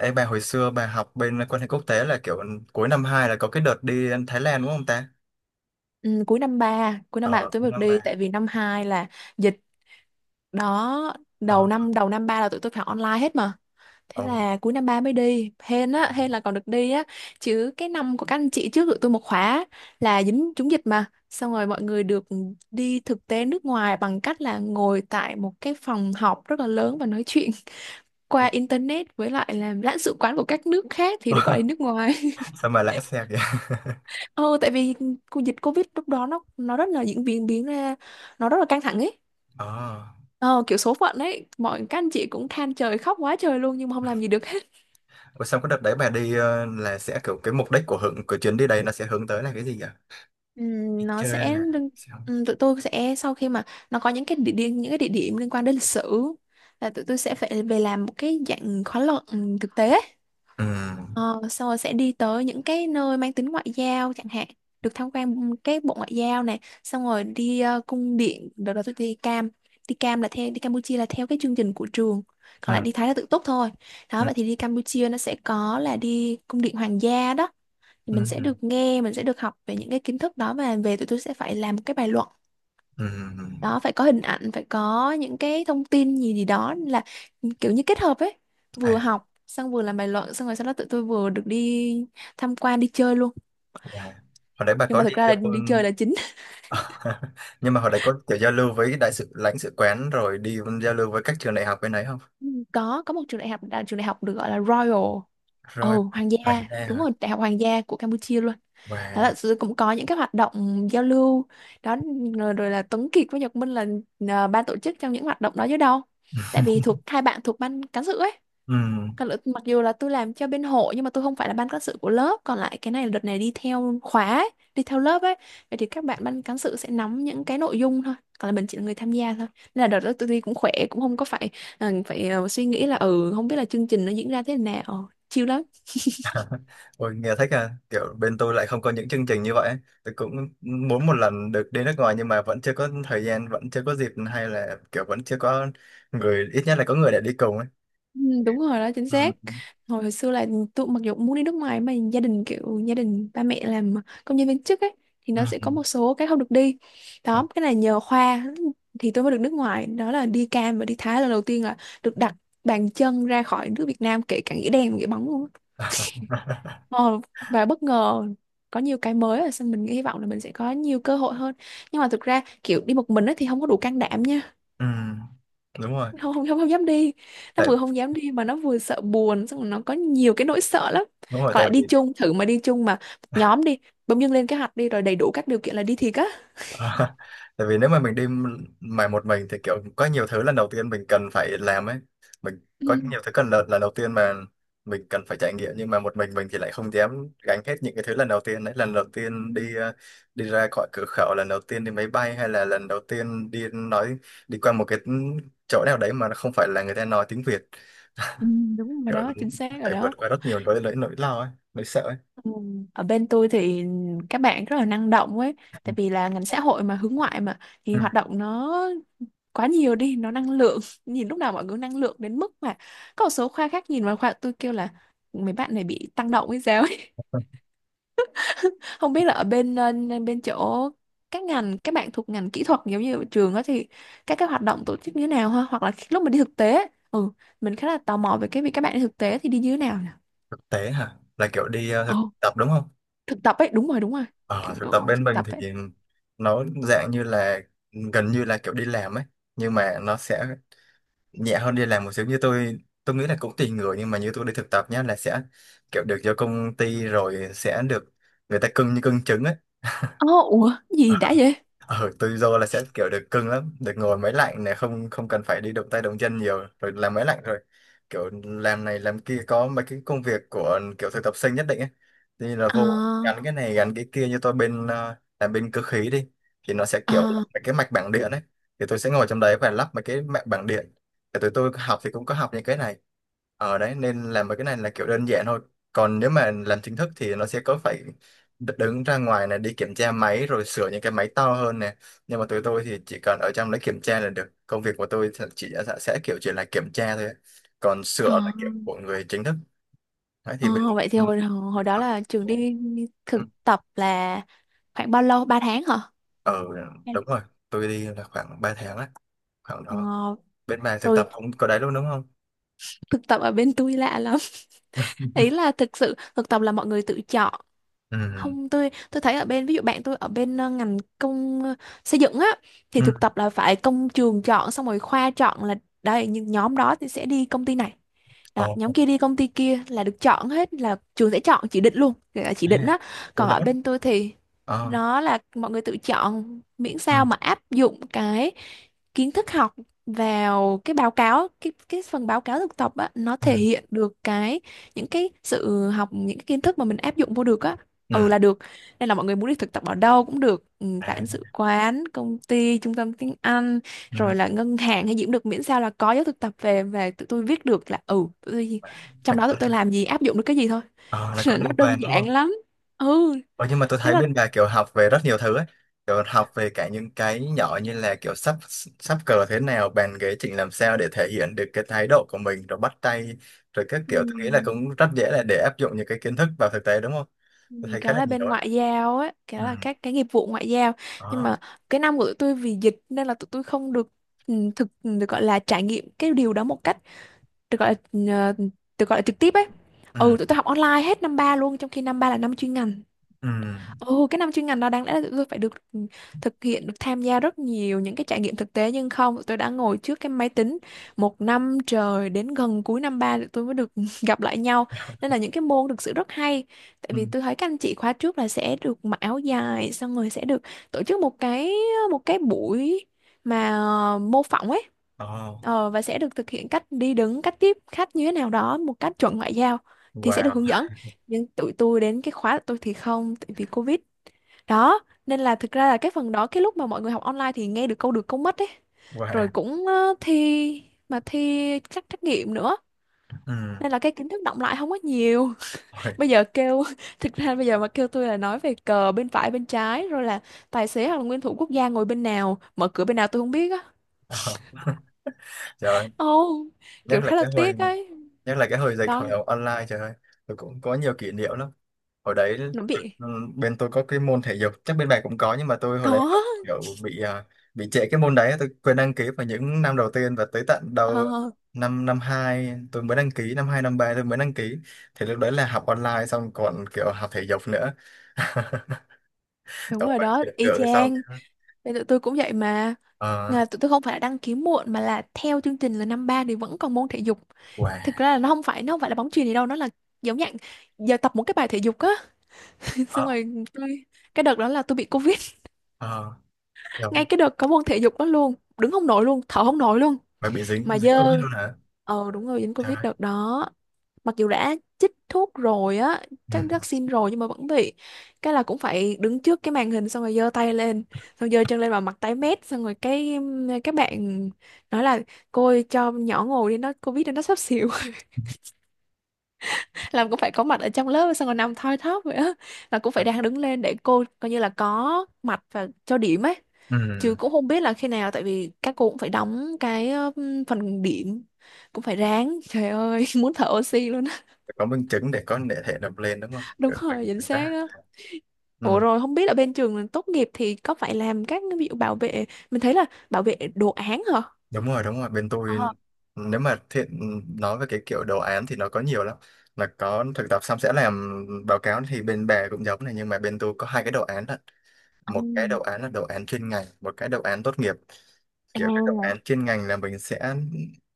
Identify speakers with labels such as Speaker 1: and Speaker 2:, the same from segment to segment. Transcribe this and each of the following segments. Speaker 1: Ê, bà hồi xưa bà học bên quan hệ quốc tế là kiểu cuối năm 2 là có cái đợt đi Thái Lan đúng không ta?
Speaker 2: Ừ, cuối năm ba tụi
Speaker 1: Ờ,
Speaker 2: tôi
Speaker 1: cuối
Speaker 2: được
Speaker 1: năm ba.
Speaker 2: đi tại vì năm 2 là dịch đó, đầu
Speaker 1: Ờ,
Speaker 2: năm đầu năm ba là tụi tôi phải online hết mà. Thế
Speaker 1: ồ.
Speaker 2: là cuối năm 3 mới đi. Hên á, hên là còn được đi á. Chứ cái năm của các anh chị trước tụi tôi một khóa là dính trúng dịch mà. Xong rồi mọi người được đi thực tế nước ngoài bằng cách là ngồi tại một cái phòng họp rất là lớn và nói chuyện qua internet với lại làm lãnh sự quán của các nước khác thì được gọi là nước ngoài.
Speaker 1: Sao mà lãng xe kìa?
Speaker 2: Ừ, tại vì dịch Covid lúc đó nó rất là diễn biến biến ra nó rất là căng thẳng ấy.
Speaker 1: Ờ.
Speaker 2: Ờ, kiểu số phận ấy, mọi các anh chị cũng than trời khóc quá trời luôn nhưng mà không làm gì được hết.
Speaker 1: Ủa, xong cái đợt đấy bà đi là sẽ kiểu cái mục đích của hưởng của chuyến đi đấy nó sẽ hướng tới là cái gì vậy? Đi
Speaker 2: Nó
Speaker 1: chơi
Speaker 2: sẽ
Speaker 1: là sao?
Speaker 2: tụi tôi sẽ sau khi mà nó có những cái địa điểm liên quan đến lịch sử là tụi tôi sẽ phải về làm một cái dạng khóa luận thực tế.
Speaker 1: Ừ.
Speaker 2: Ờ, xong rồi sẽ đi tới những cái nơi mang tính ngoại giao chẳng hạn, được tham quan cái bộ ngoại giao này, xong rồi đi cung điện. Đợt đó tôi đi Cam, đi Cam là theo đi Campuchia là theo cái chương trình của trường,
Speaker 1: Ừ.
Speaker 2: còn lại đi Thái là tự túc thôi. Đó,
Speaker 1: Ừ.
Speaker 2: vậy thì đi Campuchia nó sẽ có là đi cung điện hoàng gia đó, thì
Speaker 1: Ừ.
Speaker 2: mình sẽ được nghe, mình sẽ được học về những cái kiến thức đó, và về tụi tôi sẽ phải làm một cái bài luận
Speaker 1: Ừ. Ừ.
Speaker 2: đó, phải có hình ảnh, phải có những cái thông tin gì gì đó, là kiểu như kết hợp ấy, vừa
Speaker 1: À,
Speaker 2: học xong vừa làm bài luận, xong rồi sau đó tụi tôi vừa được đi tham quan đi chơi luôn,
Speaker 1: bà. Hồi đấy bà
Speaker 2: nhưng
Speaker 1: có
Speaker 2: mà thực
Speaker 1: đi
Speaker 2: ra là
Speaker 1: giao.
Speaker 2: đi chơi là chính.
Speaker 1: Nhưng mà hồi đấy có kiểu giao lưu với đại sứ lãnh sự quán rồi đi giao lưu với các trường đại học bên đấy không?
Speaker 2: Ừ, có một trường đại học là trường đại học được gọi là Royal,
Speaker 1: Rồi,
Speaker 2: ồ hoàng gia,
Speaker 1: vàng e
Speaker 2: đúng
Speaker 1: hả
Speaker 2: rồi, đại học hoàng gia của Campuchia luôn. Đó
Speaker 1: và
Speaker 2: là cũng có những cái hoạt động giao lưu đó. Rồi, rồi là Tuấn Kiệt với Nhật Minh là, à, ban tổ chức trong những hoạt động đó chứ đâu, tại vì thuộc hai bạn thuộc ban cán sự ấy.
Speaker 1: ừ.
Speaker 2: Mặc dù là tôi làm cho bên hội nhưng mà tôi không phải là ban cán sự của lớp, còn lại cái này là đợt này đi theo khóa ấy, đi theo lớp ấy, vậy thì các bạn ban cán sự sẽ nắm những cái nội dung thôi, còn là mình chỉ là người tham gia thôi, nên là đợt đó tôi đi cũng khỏe, cũng không có phải phải suy nghĩ là ừ không biết là chương trình nó diễn ra thế nào, chill lắm.
Speaker 1: Ôi, nghe thích à, kiểu bên tôi lại không có những chương trình như vậy ấy. Tôi cũng muốn một lần được đi nước ngoài nhưng mà vẫn chưa có thời gian, vẫn chưa có dịp, hay là kiểu vẫn chưa có người, ít nhất là có người để đi cùng ấy.
Speaker 2: Ừ, đúng rồi đó, chính
Speaker 1: Ừ.
Speaker 2: xác. Hồi xưa là tôi mặc dù cũng muốn đi nước ngoài mà gia đình kiểu gia đình ba mẹ làm công nhân viên chức ấy, thì
Speaker 1: Ừ.
Speaker 2: nó sẽ có một số cái không được đi
Speaker 1: Ừ.
Speaker 2: đó. Cái này nhờ khoa thì tôi mới được nước ngoài đó, là đi Cam và đi Thái, lần đầu tiên là được đặt bàn chân ra khỏi nước Việt Nam, kể cả nghĩa đen nghĩa bóng luôn á. ờ, và bất ngờ có nhiều cái mới, là xong mình hy vọng là mình sẽ có nhiều cơ hội hơn, nhưng mà thực ra kiểu đi một mình ấy thì không có đủ can đảm nha.
Speaker 1: Ừ. Đúng rồi
Speaker 2: Không không không, Dám đi, nó
Speaker 1: tại
Speaker 2: vừa không dám đi mà nó vừa sợ buồn, xong rồi nó có nhiều cái nỗi sợ lắm.
Speaker 1: đúng rồi
Speaker 2: Còn
Speaker 1: tại
Speaker 2: lại
Speaker 1: vì
Speaker 2: đi chung, thử mà đi chung, mà nhóm đi, bỗng dưng lên cái hoạch đi rồi đầy đủ các điều kiện là đi thiệt á.
Speaker 1: À, tại vì nếu mà mình đi mà một mình thì kiểu có nhiều thứ lần đầu tiên mình cần phải làm ấy, mình có
Speaker 2: Ừ.
Speaker 1: nhiều thứ cần lần lần đầu tiên mà mình cần phải trải nghiệm, nhưng mà một mình thì lại không dám gánh hết những cái thứ lần đầu tiên đấy, lần đầu tiên
Speaker 2: Ừ,
Speaker 1: đi đi ra khỏi cửa khẩu, lần đầu tiên đi máy bay, hay là lần đầu tiên đi nói đi qua một cái chỗ nào đấy mà nó không phải là người ta nói tiếng Việt,
Speaker 2: ừ, đúng rồi
Speaker 1: kiểu
Speaker 2: đó, chính xác rồi
Speaker 1: phải vượt
Speaker 2: đó.
Speaker 1: qua rất nhiều nỗi nỗi nỗi lo ấy, nỗi sợ ấy.
Speaker 2: Ừ. Ở bên tôi thì các bạn rất là năng động ấy, tại vì là ngành xã hội mà hướng ngoại mà, thì
Speaker 1: Ừ.
Speaker 2: hoạt động nó quá nhiều đi, nó năng lượng nhìn lúc nào mọi người năng lượng đến mức mà có một số khoa khác nhìn vào khoa tôi kêu là mấy bạn này bị tăng động hay sao ấy. Không biết là ở bên bên chỗ các ngành các bạn thuộc ngành kỹ thuật giống như ở trường đó, thì các cái hoạt động tổ chức như thế nào ha, hoặc là lúc mà đi thực tế ấy, ừ, mình khá là tò mò về cái việc các bạn đi thực tế thì đi như thế nào nhỉ.
Speaker 1: Thực tế hả, là kiểu đi
Speaker 2: Ồ,
Speaker 1: thực tập đúng không?
Speaker 2: thực tập ấy, đúng rồi đúng rồi.
Speaker 1: Ờ,
Speaker 2: Kiểu,
Speaker 1: thực tập bên
Speaker 2: thực
Speaker 1: mình
Speaker 2: tập ấy.
Speaker 1: thì nó dạng như là gần như là kiểu đi làm ấy, nhưng mà nó sẽ nhẹ hơn đi làm một xíu. Như tôi nghĩ là cũng tùy người, nhưng mà như tôi đi thực tập nhá, là sẽ kiểu được cho công ty rồi sẽ được người ta cưng như cưng trứng ấy.
Speaker 2: Ồ, ủa gì đã
Speaker 1: Ờ.
Speaker 2: vậy.
Speaker 1: Ờ, tự do là sẽ kiểu được cưng lắm, được ngồi máy lạnh này, không không cần phải đi động tay động chân nhiều, rồi làm máy lạnh, rồi kiểu làm này làm kia, có mấy cái công việc của kiểu thực tập sinh nhất định ấy, thì là
Speaker 2: Ờ.
Speaker 1: vô gắn cái này gắn cái kia. Như tôi bên làm bên cơ khí đi, thì nó sẽ kiểu
Speaker 2: Ờ.
Speaker 1: mấy cái mạch bảng điện ấy, thì tôi sẽ ngồi trong đấy và lắp mấy cái mạch bảng điện. Thì tụi tôi học thì cũng có học những cái này ở đấy, nên làm mấy cái này là kiểu đơn giản thôi. Còn nếu mà làm chính thức thì nó sẽ có phải đứng ra ngoài này đi kiểm tra máy, rồi sửa những cái máy to hơn nè, nhưng mà tụi tôi thì chỉ cần ở trong lấy kiểm tra là được. Công việc của tôi thì chỉ sẽ kiểu chỉ là kiểm tra thôi, còn
Speaker 2: Ờ.
Speaker 1: sửa là kiểu của người chính thức. Đấy thì
Speaker 2: Ờ.
Speaker 1: bên
Speaker 2: Vậy thì
Speaker 1: ừ.
Speaker 2: hồi hồi đó là trường đi,
Speaker 1: Ừ.
Speaker 2: thực tập là khoảng bao lâu, ba tháng hả?
Speaker 1: Ờ,
Speaker 2: Hay-
Speaker 1: đúng rồi, tôi đi là khoảng 3 tháng á, khoảng
Speaker 2: ờ,
Speaker 1: đó. Bên bà thực
Speaker 2: rồi,
Speaker 1: tập cũng có đấy luôn đúng không?
Speaker 2: thực tập ở bên tôi lạ lắm. Ý là thực sự thực tập là mọi người tự chọn.
Speaker 1: Ừ.
Speaker 2: Không, tôi thấy ở bên, ví dụ bạn tôi ở bên ngành công xây dựng á, thì
Speaker 1: Ừ.
Speaker 2: thực tập là phải công trường chọn xong rồi khoa chọn, là đây những nhóm đó thì sẽ đi công ty này
Speaker 1: Ồ.
Speaker 2: đó, nhóm kia đi công ty kia, là được chọn hết, là trường sẽ chọn chỉ định luôn. Gọi là chỉ
Speaker 1: À,
Speaker 2: định á.
Speaker 1: ủa
Speaker 2: Còn
Speaker 1: là
Speaker 2: ở
Speaker 1: bắt.
Speaker 2: bên tôi thì
Speaker 1: Ờ.
Speaker 2: nó là mọi người tự chọn, miễn
Speaker 1: Ừ.
Speaker 2: sao mà áp dụng cái kiến thức học vào cái báo cáo, cái phần báo cáo thực tập á, nó
Speaker 1: Ừ.
Speaker 2: thể hiện được cái những cái sự học, những cái kiến thức mà mình áp dụng vô được á,
Speaker 1: Ừ.
Speaker 2: ừ, là được. Nên là mọi người muốn đi thực tập ở đâu cũng được, ừ,
Speaker 1: À.
Speaker 2: lãnh sự quán, công ty, trung tâm tiếng Anh,
Speaker 1: Ừ.
Speaker 2: rồi là ngân hàng hay gì cũng được, miễn sao là có giáo thực tập về, tụi tôi viết được là ừ tụi tôi
Speaker 1: Là
Speaker 2: trong đó
Speaker 1: có,
Speaker 2: tụi tôi làm gì, áp dụng được cái gì thôi.
Speaker 1: ờ, là có
Speaker 2: Nó
Speaker 1: liên quan
Speaker 2: đơn
Speaker 1: đúng
Speaker 2: giản
Speaker 1: không?
Speaker 2: lắm. Ừ,
Speaker 1: Ờ, nhưng mà tôi
Speaker 2: đấy
Speaker 1: thấy
Speaker 2: là
Speaker 1: bên bà kiểu học về rất nhiều thứ ấy. Kiểu học về cả những cái nhỏ như là kiểu sắp sắp cờ thế nào, bàn ghế chỉnh làm sao để thể hiện được cái thái độ của mình, rồi bắt tay, rồi các
Speaker 2: ừ.
Speaker 1: kiểu. Tôi nghĩ là cũng rất dễ là để áp dụng những cái kiến thức vào thực tế đúng không?
Speaker 2: Ừ,
Speaker 1: Tôi thấy khá
Speaker 2: Kéo
Speaker 1: là
Speaker 2: là
Speaker 1: nhiều
Speaker 2: bên
Speaker 1: đấy.
Speaker 2: ngoại giao ấy,
Speaker 1: Ừ.
Speaker 2: kéo là các cái nghiệp vụ ngoại giao. Nhưng
Speaker 1: Ờ.
Speaker 2: mà cái năm của tụi tôi vì dịch nên là tụi tôi không được được gọi là trải nghiệm cái điều đó một cách được gọi là được gọi là trực tiếp ấy.
Speaker 1: Ừ.
Speaker 2: Ừ, tụi tôi học online hết năm 3 luôn, trong khi năm 3 là năm chuyên ngành.
Speaker 1: Ừ.
Speaker 2: Ồ, cái năm chuyên ngành đó đáng lẽ là tụi tôi phải được thực hiện, được tham gia rất nhiều những cái trải nghiệm thực tế, nhưng không, tụi tôi đã ngồi trước cái máy tính một năm trời, đến gần cuối năm ba tụi tôi mới được gặp lại nhau. Nên là những cái môn thực sự rất hay. Tại
Speaker 1: Ừ.
Speaker 2: vì tôi thấy các anh chị khóa trước là sẽ được mặc áo dài, xong rồi sẽ được tổ chức một cái, một cái buổi mà, mô phỏng ấy.
Speaker 1: Ờ.
Speaker 2: Ờ, và sẽ được thực hiện cách đi đứng, cách tiếp khách như thế nào đó, một cách chuẩn ngoại giao thì sẽ được
Speaker 1: Wow.
Speaker 2: hướng dẫn. Nhưng tụi tôi đến cái khóa của tôi thì không, tại vì Covid đó, nên là thực ra là cái phần đó, cái lúc mà mọi người học online thì nghe được câu mất ấy. Rồi
Speaker 1: Wow.
Speaker 2: cũng thi mà thi các trắc nghiệm nữa.
Speaker 1: Ừ.
Speaker 2: Nên là cái kiến thức đọng lại không có nhiều.
Speaker 1: Ôi.
Speaker 2: Bây giờ kêu thực ra bây giờ mà kêu tôi là nói về cờ bên phải bên trái rồi là tài xế hoặc là nguyên thủ quốc gia ngồi bên nào, mở cửa bên nào, tôi không biết á.
Speaker 1: Ờ. Trời ơi.
Speaker 2: Ồ,
Speaker 1: Nhất
Speaker 2: kiểu
Speaker 1: là
Speaker 2: khá là
Speaker 1: cái hồi,
Speaker 2: tiếc ấy.
Speaker 1: nhất là cái hồi dịch hồi
Speaker 2: Đó,
Speaker 1: học online, trời ơi. Tôi cũng có nhiều kỷ niệm lắm. Hồi đấy
Speaker 2: nó bị
Speaker 1: ừ, bên tôi có cái môn thể dục chắc bên bạn cũng có, nhưng mà tôi hồi đấy là
Speaker 2: có.
Speaker 1: kiểu bị bị trễ cái môn đấy. Tôi quên đăng ký vào những năm đầu tiên và tới tận đầu
Speaker 2: Ờ.
Speaker 1: năm năm hai tôi mới đăng ký, năm hai năm ba tôi mới đăng ký, thì lúc đấy là học online xong còn kiểu học thể dục nữa.
Speaker 2: Đúng
Speaker 1: Đó,
Speaker 2: rồi
Speaker 1: phải học
Speaker 2: đó,
Speaker 1: thể
Speaker 2: y
Speaker 1: sau được xong.
Speaker 2: chang. Nên tụi tôi cũng vậy mà.
Speaker 1: Ờ.
Speaker 2: Là tụi tôi không phải là đăng ký muộn, mà là theo chương trình là năm ba thì vẫn còn môn thể dục.
Speaker 1: Wow.
Speaker 2: Thực ra là nó không phải là bóng chuyền gì đâu, nó là giống dạng giờ tập một cái bài thể dục á.
Speaker 1: Ờ.
Speaker 2: Xong rồi tôi, cái đợt đó là tôi bị Covid.
Speaker 1: Ờ rồi.
Speaker 2: Ngay cái đợt có môn thể dục đó luôn, đứng không nổi luôn, thở không nổi luôn.
Speaker 1: Phải bị dính
Speaker 2: Mà
Speaker 1: dính covid
Speaker 2: dơ.
Speaker 1: luôn hả?
Speaker 2: Ờ đúng rồi, dính
Speaker 1: Trời
Speaker 2: Covid
Speaker 1: ơi.
Speaker 2: đợt đó. Mặc dù đã chích thuốc rồi á,
Speaker 1: Ừ.
Speaker 2: chắc vaccine rồi nhưng mà vẫn bị. Cái là cũng phải đứng trước cái màn hình xong rồi giơ tay lên, xong giơ chân lên và mặt tái mét, xong rồi cái các bạn nói là: cô ơi, cho nhỏ ngồi đi, nó covid biết nó sắp xỉu. Làm cũng phải có mặt ở trong lớp xong rồi nằm thoi thóp vậy á, là cũng phải đang đứng lên để cô coi như là có mặt và cho điểm ấy, chứ
Speaker 1: Ừ.
Speaker 2: cũng không biết là khi nào tại vì các cô cũng phải đóng cái phần điểm, cũng phải ráng, trời ơi muốn thở oxy luôn á.
Speaker 1: Phải có minh chứng để có thể nộp lên đúng không?
Speaker 2: Đúng
Speaker 1: Được, mình
Speaker 2: rồi chính
Speaker 1: mình
Speaker 2: xác
Speaker 1: đã.
Speaker 2: á. Ủa
Speaker 1: Ừ.
Speaker 2: rồi không biết là bên trường tốt nghiệp thì có phải làm các cái ví dụ bảo vệ, mình thấy là bảo vệ đồ án hả?
Speaker 1: Đúng rồi, đúng rồi. Bên tôi
Speaker 2: Ờ,
Speaker 1: nếu mà thiện nói về cái kiểu đồ án thì nó có nhiều lắm. Là có thực tập xong sẽ làm báo cáo thì bên bà cũng giống này, nhưng mà bên tôi có hai cái đồ án đó.
Speaker 2: ừ,
Speaker 1: Một cái đồ án là đồ án chuyên ngành, một cái đồ án tốt nghiệp. Kiểu cái đáp
Speaker 2: à,
Speaker 1: án chuyên ngành là mình sẽ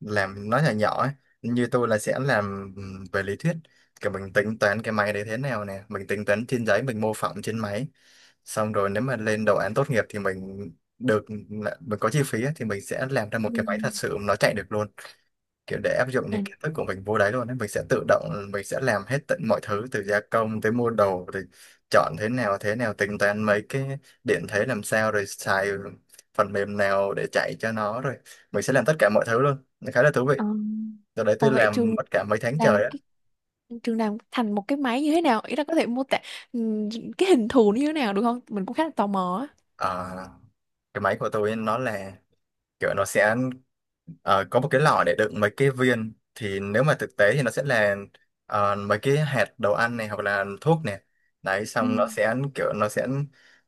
Speaker 1: làm nó nhỏ nhỏ ấy. Như tôi là sẽ làm về lý thuyết, kiểu mình tính toán cái máy đấy thế nào nè, mình tính toán trên giấy, mình mô phỏng trên máy. Xong rồi nếu mà lên đồ án tốt nghiệp thì mình được, mình có chi phí ấy, thì mình sẽ làm ra một
Speaker 2: ừ,
Speaker 1: cái máy thật sự nó chạy được luôn, kiểu để áp dụng những kiến thức của mình vô đấy luôn ấy. Mình sẽ tự động mình sẽ làm hết tận mọi thứ, từ gia công tới mua đồ, rồi chọn thế nào thế nào, tính toán mấy cái điện thế làm sao, rồi xài phần mềm nào để chạy cho nó, rồi mình sẽ làm tất cả mọi thứ luôn. Nó khá là thú vị.
Speaker 2: ừ.
Speaker 1: Rồi đấy, tôi
Speaker 2: Ủa vậy
Speaker 1: làm mất cả mấy tháng
Speaker 2: làm
Speaker 1: trời á.
Speaker 2: cái trường làm thành một cái máy như thế nào? Ý là có thể mô tả ừm, cái hình thù nó như thế nào được không? Mình cũng khá là tò mò á.
Speaker 1: Ờ, cái máy của tôi nó là kiểu nó sẽ có một cái lọ để đựng mấy cái viên, thì nếu mà thực tế thì nó sẽ là mấy cái hạt đồ ăn này hoặc là thuốc này. Đấy,
Speaker 2: Ừ,
Speaker 1: xong nó sẽ kiểu nó sẽ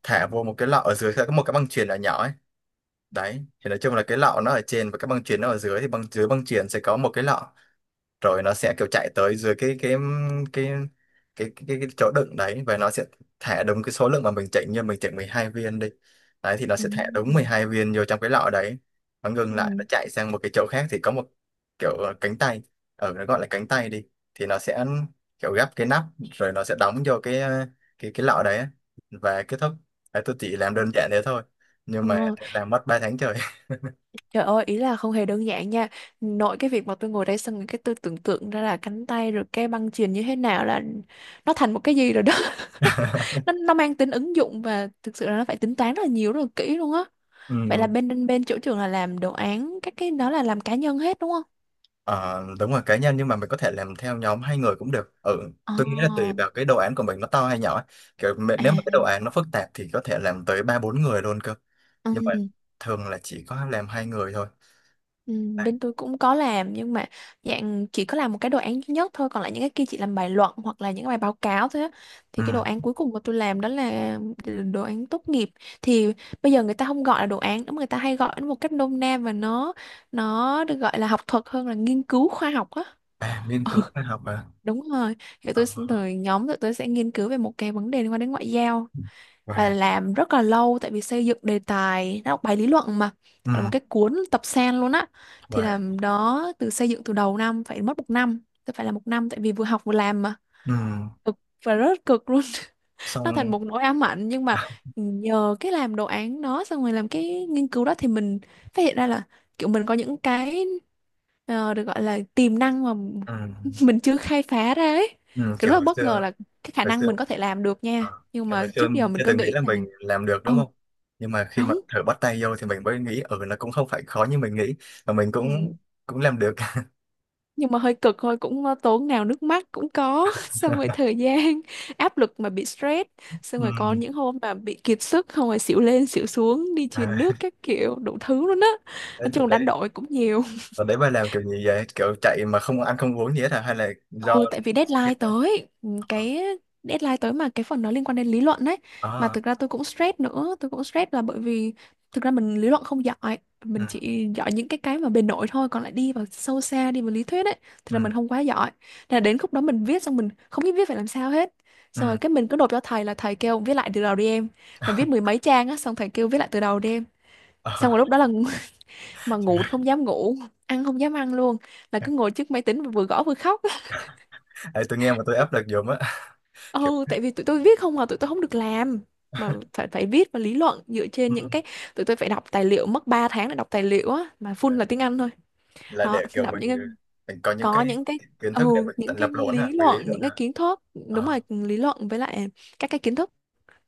Speaker 1: thả vô một cái lọ, ở dưới sẽ có một cái băng chuyền nhỏ nhỏ ấy. Đấy thì nói chung là cái lọ nó ở trên và cái băng chuyền nó ở dưới, thì băng chuyền sẽ có một cái lọ, rồi nó sẽ kiểu chạy tới dưới cái cái chỗ đựng đấy, và nó sẽ thả đúng cái số lượng mà mình chỉnh, như mình chỉnh 12 viên đi, đấy thì nó
Speaker 2: ừ,
Speaker 1: sẽ thả đúng 12 viên vô trong cái lọ đấy. Nó ngừng lại, nó
Speaker 2: ừ,
Speaker 1: chạy sang một cái chỗ khác, thì có một kiểu cánh tay, ở nó gọi là cánh tay đi, thì nó sẽ kiểu gấp cái nắp, rồi nó sẽ đóng vô cái cái lọ đấy á. Và kết thúc. Đấy, tôi chỉ làm đơn giản thế thôi nhưng mà
Speaker 2: ờ.
Speaker 1: làm mất ba tháng trời.
Speaker 2: Trời ơi, ý là không hề đơn giản nha. Nội cái việc mà tôi ngồi đây xong rồi cái tôi tưởng tượng ra là cánh tay rồi cái băng chuyền như thế nào là nó thành một cái gì rồi đó. Nó mang tính ứng dụng và thực sự là nó phải tính toán rất là nhiều rất là kỹ luôn á. Vậy là
Speaker 1: Ừ.
Speaker 2: bên bên chỗ trường là làm đồ án các cái đó là làm cá nhân hết đúng không?
Speaker 1: Ờ, đúng rồi, cá nhân, nhưng mà mình có thể làm theo nhóm hai người cũng được. Ừ,
Speaker 2: Ờ,
Speaker 1: tôi nghĩ là tùy vào cái đồ án của mình nó to hay nhỏ ấy. Nếu mà cái
Speaker 2: à,
Speaker 1: đồ án nó phức tạp thì có thể làm tới ba bốn người luôn cơ, nhưng mà
Speaker 2: ừ.
Speaker 1: thường là chỉ có làm hai người thôi.
Speaker 2: Ừ,
Speaker 1: Đấy.
Speaker 2: bên tôi cũng có làm nhưng mà dạng chỉ có làm một cái đồ án duy nhất thôi, còn lại những cái kia chỉ làm bài luận hoặc là những cái bài báo cáo thôi á.
Speaker 1: Ừ.
Speaker 2: Thì cái đồ án cuối cùng mà tôi làm đó là đồ án tốt nghiệp, thì bây giờ người ta không gọi là đồ án nữa mà người ta hay gọi nó một cách nôm na, và nó được gọi là học thuật hơn là nghiên cứu khoa học á.
Speaker 1: À, nghiên cứu khoa học à.
Speaker 2: Đúng rồi.
Speaker 1: Ờ,
Speaker 2: Rồi nhóm tụi tôi sẽ nghiên cứu về một cái vấn đề liên quan đến ngoại giao, và
Speaker 1: và
Speaker 2: làm rất là lâu tại vì xây dựng đề tài nó bài lý luận mà, gọi là một
Speaker 1: ừ.
Speaker 2: cái cuốn tập sen luôn á. Thì
Speaker 1: Và
Speaker 2: làm đó từ xây dựng từ đầu năm phải mất một năm, tôi phải là một năm tại vì vừa học vừa làm mà,
Speaker 1: ừ.
Speaker 2: cực và rất cực luôn, nó thành
Speaker 1: Xong.
Speaker 2: một nỗi ám ảnh. Nhưng mà nhờ cái làm đồ án đó xong rồi làm cái nghiên cứu đó thì mình phát hiện ra là kiểu mình có những cái được gọi là tiềm năng mà
Speaker 1: Ừ.
Speaker 2: mình chưa khai phá ra ấy.
Speaker 1: Ừ.
Speaker 2: Kiểu
Speaker 1: Kiểu
Speaker 2: rất là
Speaker 1: hồi
Speaker 2: bất
Speaker 1: xưa,
Speaker 2: ngờ là cái khả
Speaker 1: hồi
Speaker 2: năng
Speaker 1: xưa,
Speaker 2: mình có thể làm được nha,
Speaker 1: ờ,
Speaker 2: nhưng
Speaker 1: tại hồi
Speaker 2: mà
Speaker 1: xưa
Speaker 2: trước giờ mình
Speaker 1: chưa
Speaker 2: cứ
Speaker 1: từng nghĩ
Speaker 2: nghĩ
Speaker 1: là
Speaker 2: là
Speaker 1: mình làm được đúng
Speaker 2: ồ
Speaker 1: không? Nhưng mà khi mà
Speaker 2: đúng.
Speaker 1: thử bắt tay vô thì mình mới nghĩ ừ, nó cũng không phải khó như mình nghĩ, và mình
Speaker 2: Ừ,
Speaker 1: cũng cũng làm được.
Speaker 2: nhưng mà hơi cực thôi cũng tốn nào nước mắt cũng có xong rồi thời gian áp lực mà bị stress, xong
Speaker 1: Ừ.
Speaker 2: rồi có những hôm mà bị kiệt sức không rồi xỉu lên xỉu xuống đi
Speaker 1: À,
Speaker 2: truyền nước các kiểu đủ thứ luôn á,
Speaker 1: đấy,
Speaker 2: nói
Speaker 1: đợt
Speaker 2: chung đánh
Speaker 1: đấy,
Speaker 2: đổi cũng nhiều.
Speaker 1: và đấy bà làm kiểu gì vậy? Kiểu chạy mà không ăn không uống gì hết hả? Hay là do
Speaker 2: Ừ, tại vì
Speaker 1: chết
Speaker 2: deadline
Speaker 1: quá?
Speaker 2: tới, ừ, cái deadline tới mà cái phần nó liên quan đến lý luận đấy. Mà
Speaker 1: À,
Speaker 2: thực ra tôi cũng stress nữa, tôi cũng stress là bởi vì thực ra mình lý luận không giỏi,
Speaker 1: ừ,
Speaker 2: mình chỉ giỏi những cái mà bề nổi thôi, còn lại đi vào sâu xa, đi vào lý thuyết ấy, thì
Speaker 1: ừ,
Speaker 2: là mình không quá giỏi. Thế là đến khúc đó mình viết xong mình không biết viết phải làm sao hết.
Speaker 1: ừ.
Speaker 2: Xong rồi cái mình cứ nộp cho thầy là thầy kêu viết lại từ đầu đi em. Mà viết mười mấy trang á, xong thầy kêu viết lại từ đầu đi em. Xong
Speaker 1: Ờ,
Speaker 2: rồi lúc đó là mà ngủ
Speaker 1: trời,
Speaker 2: thì không dám ngủ, ăn không dám ăn luôn, là cứ ngồi trước máy tính vừa gõ vừa khóc.
Speaker 1: tôi nghe mà tôi áp lực dùm á. Kiểu
Speaker 2: Ừ, tại vì tụi tôi viết không à, tụi tôi không được làm mà phải phải viết và lý luận dựa
Speaker 1: ừ,
Speaker 2: trên những cái, tụi tôi phải đọc tài liệu mất 3 tháng để đọc tài liệu á mà full là tiếng Anh thôi.
Speaker 1: là
Speaker 2: Đó,
Speaker 1: để kiểu
Speaker 2: đọc những
Speaker 1: mình
Speaker 2: cái
Speaker 1: mình có những
Speaker 2: có
Speaker 1: cái
Speaker 2: những cái
Speaker 1: kiến
Speaker 2: ừ,
Speaker 1: thức để mình tự
Speaker 2: những cái
Speaker 1: lập luận
Speaker 2: lý
Speaker 1: hả? Mình lý
Speaker 2: luận,
Speaker 1: luận
Speaker 2: những cái
Speaker 1: hả?
Speaker 2: kiến thức, đúng rồi,
Speaker 1: Ờ.
Speaker 2: lý luận với lại các cái kiến thức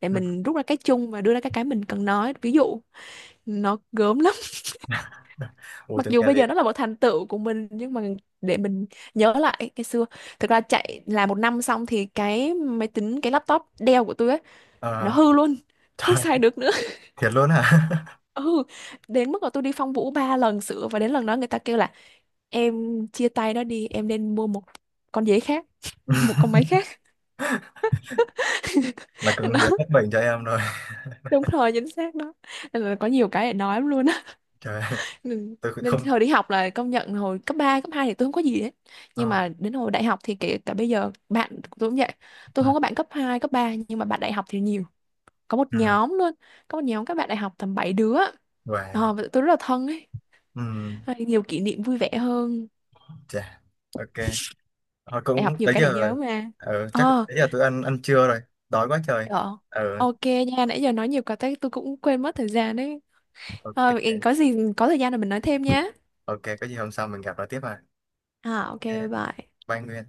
Speaker 2: để mình rút ra cái chung và đưa ra cái mình cần nói. Ví dụ nó gớm lắm.
Speaker 1: Ủa
Speaker 2: Mặc
Speaker 1: tưởng
Speaker 2: dù
Speaker 1: nghe
Speaker 2: bây
Speaker 1: lị.
Speaker 2: giờ nó là một thành tựu của mình nhưng mà để mình nhớ lại cái xưa, thực ra chạy làm một năm xong thì cái máy tính cái laptop Dell của tôi ấy nó
Speaker 1: Ờ,
Speaker 2: hư luôn, không
Speaker 1: trời,
Speaker 2: xài được nữa.
Speaker 1: thiệt luôn hả?
Speaker 2: Ừ, đến mức mà tôi đi Phong Vũ ba lần sửa và đến lần đó người ta kêu là em chia tay nó đi em, nên mua một con dế khác, một con máy khác.
Speaker 1: Là cưng
Speaker 2: Đó,
Speaker 1: hiến hết bệnh cho em rồi.
Speaker 2: đúng rồi chính xác đó. Nên là có nhiều cái để nói lắm luôn á.
Speaker 1: Trời,
Speaker 2: nên,
Speaker 1: tôi cũng
Speaker 2: nên
Speaker 1: không.
Speaker 2: hồi đi học là công nhận hồi cấp 3 cấp 2 thì tôi không có gì hết, nhưng
Speaker 1: Ờ,
Speaker 2: mà đến hồi đại học thì kể cả bây giờ bạn của tôi cũng vậy, tôi
Speaker 1: ừ,
Speaker 2: không có bạn cấp 2 cấp 3 nhưng mà bạn đại học thì nhiều, có một
Speaker 1: ừ,
Speaker 2: nhóm luôn, có một nhóm các bạn đại học tầm 7 đứa.
Speaker 1: và
Speaker 2: Ờ, và tụi tôi rất là thân ấy,
Speaker 1: ừ,
Speaker 2: hay nhiều kỷ niệm vui vẻ hơn,
Speaker 1: chà, ok. Ờ,
Speaker 2: để
Speaker 1: cũng
Speaker 2: học nhiều
Speaker 1: tới
Speaker 2: cái để
Speaker 1: giờ
Speaker 2: nhớ
Speaker 1: rồi.
Speaker 2: mà.
Speaker 1: Ừ, chắc
Speaker 2: Ờ,
Speaker 1: tới giờ tôi ăn ăn trưa rồi, đói quá trời.
Speaker 2: ờ,
Speaker 1: Ừ,
Speaker 2: ok nha, nãy giờ nói nhiều quá tới tôi cũng quên mất thời gian đấy.
Speaker 1: ok.
Speaker 2: Ờ, có gì có thời gian là mình nói thêm nhé.
Speaker 1: Ok, có gì hôm sau mình gặp lại tiếp à.
Speaker 2: À ok, bye
Speaker 1: Ok,
Speaker 2: bye.
Speaker 1: bye Nguyên.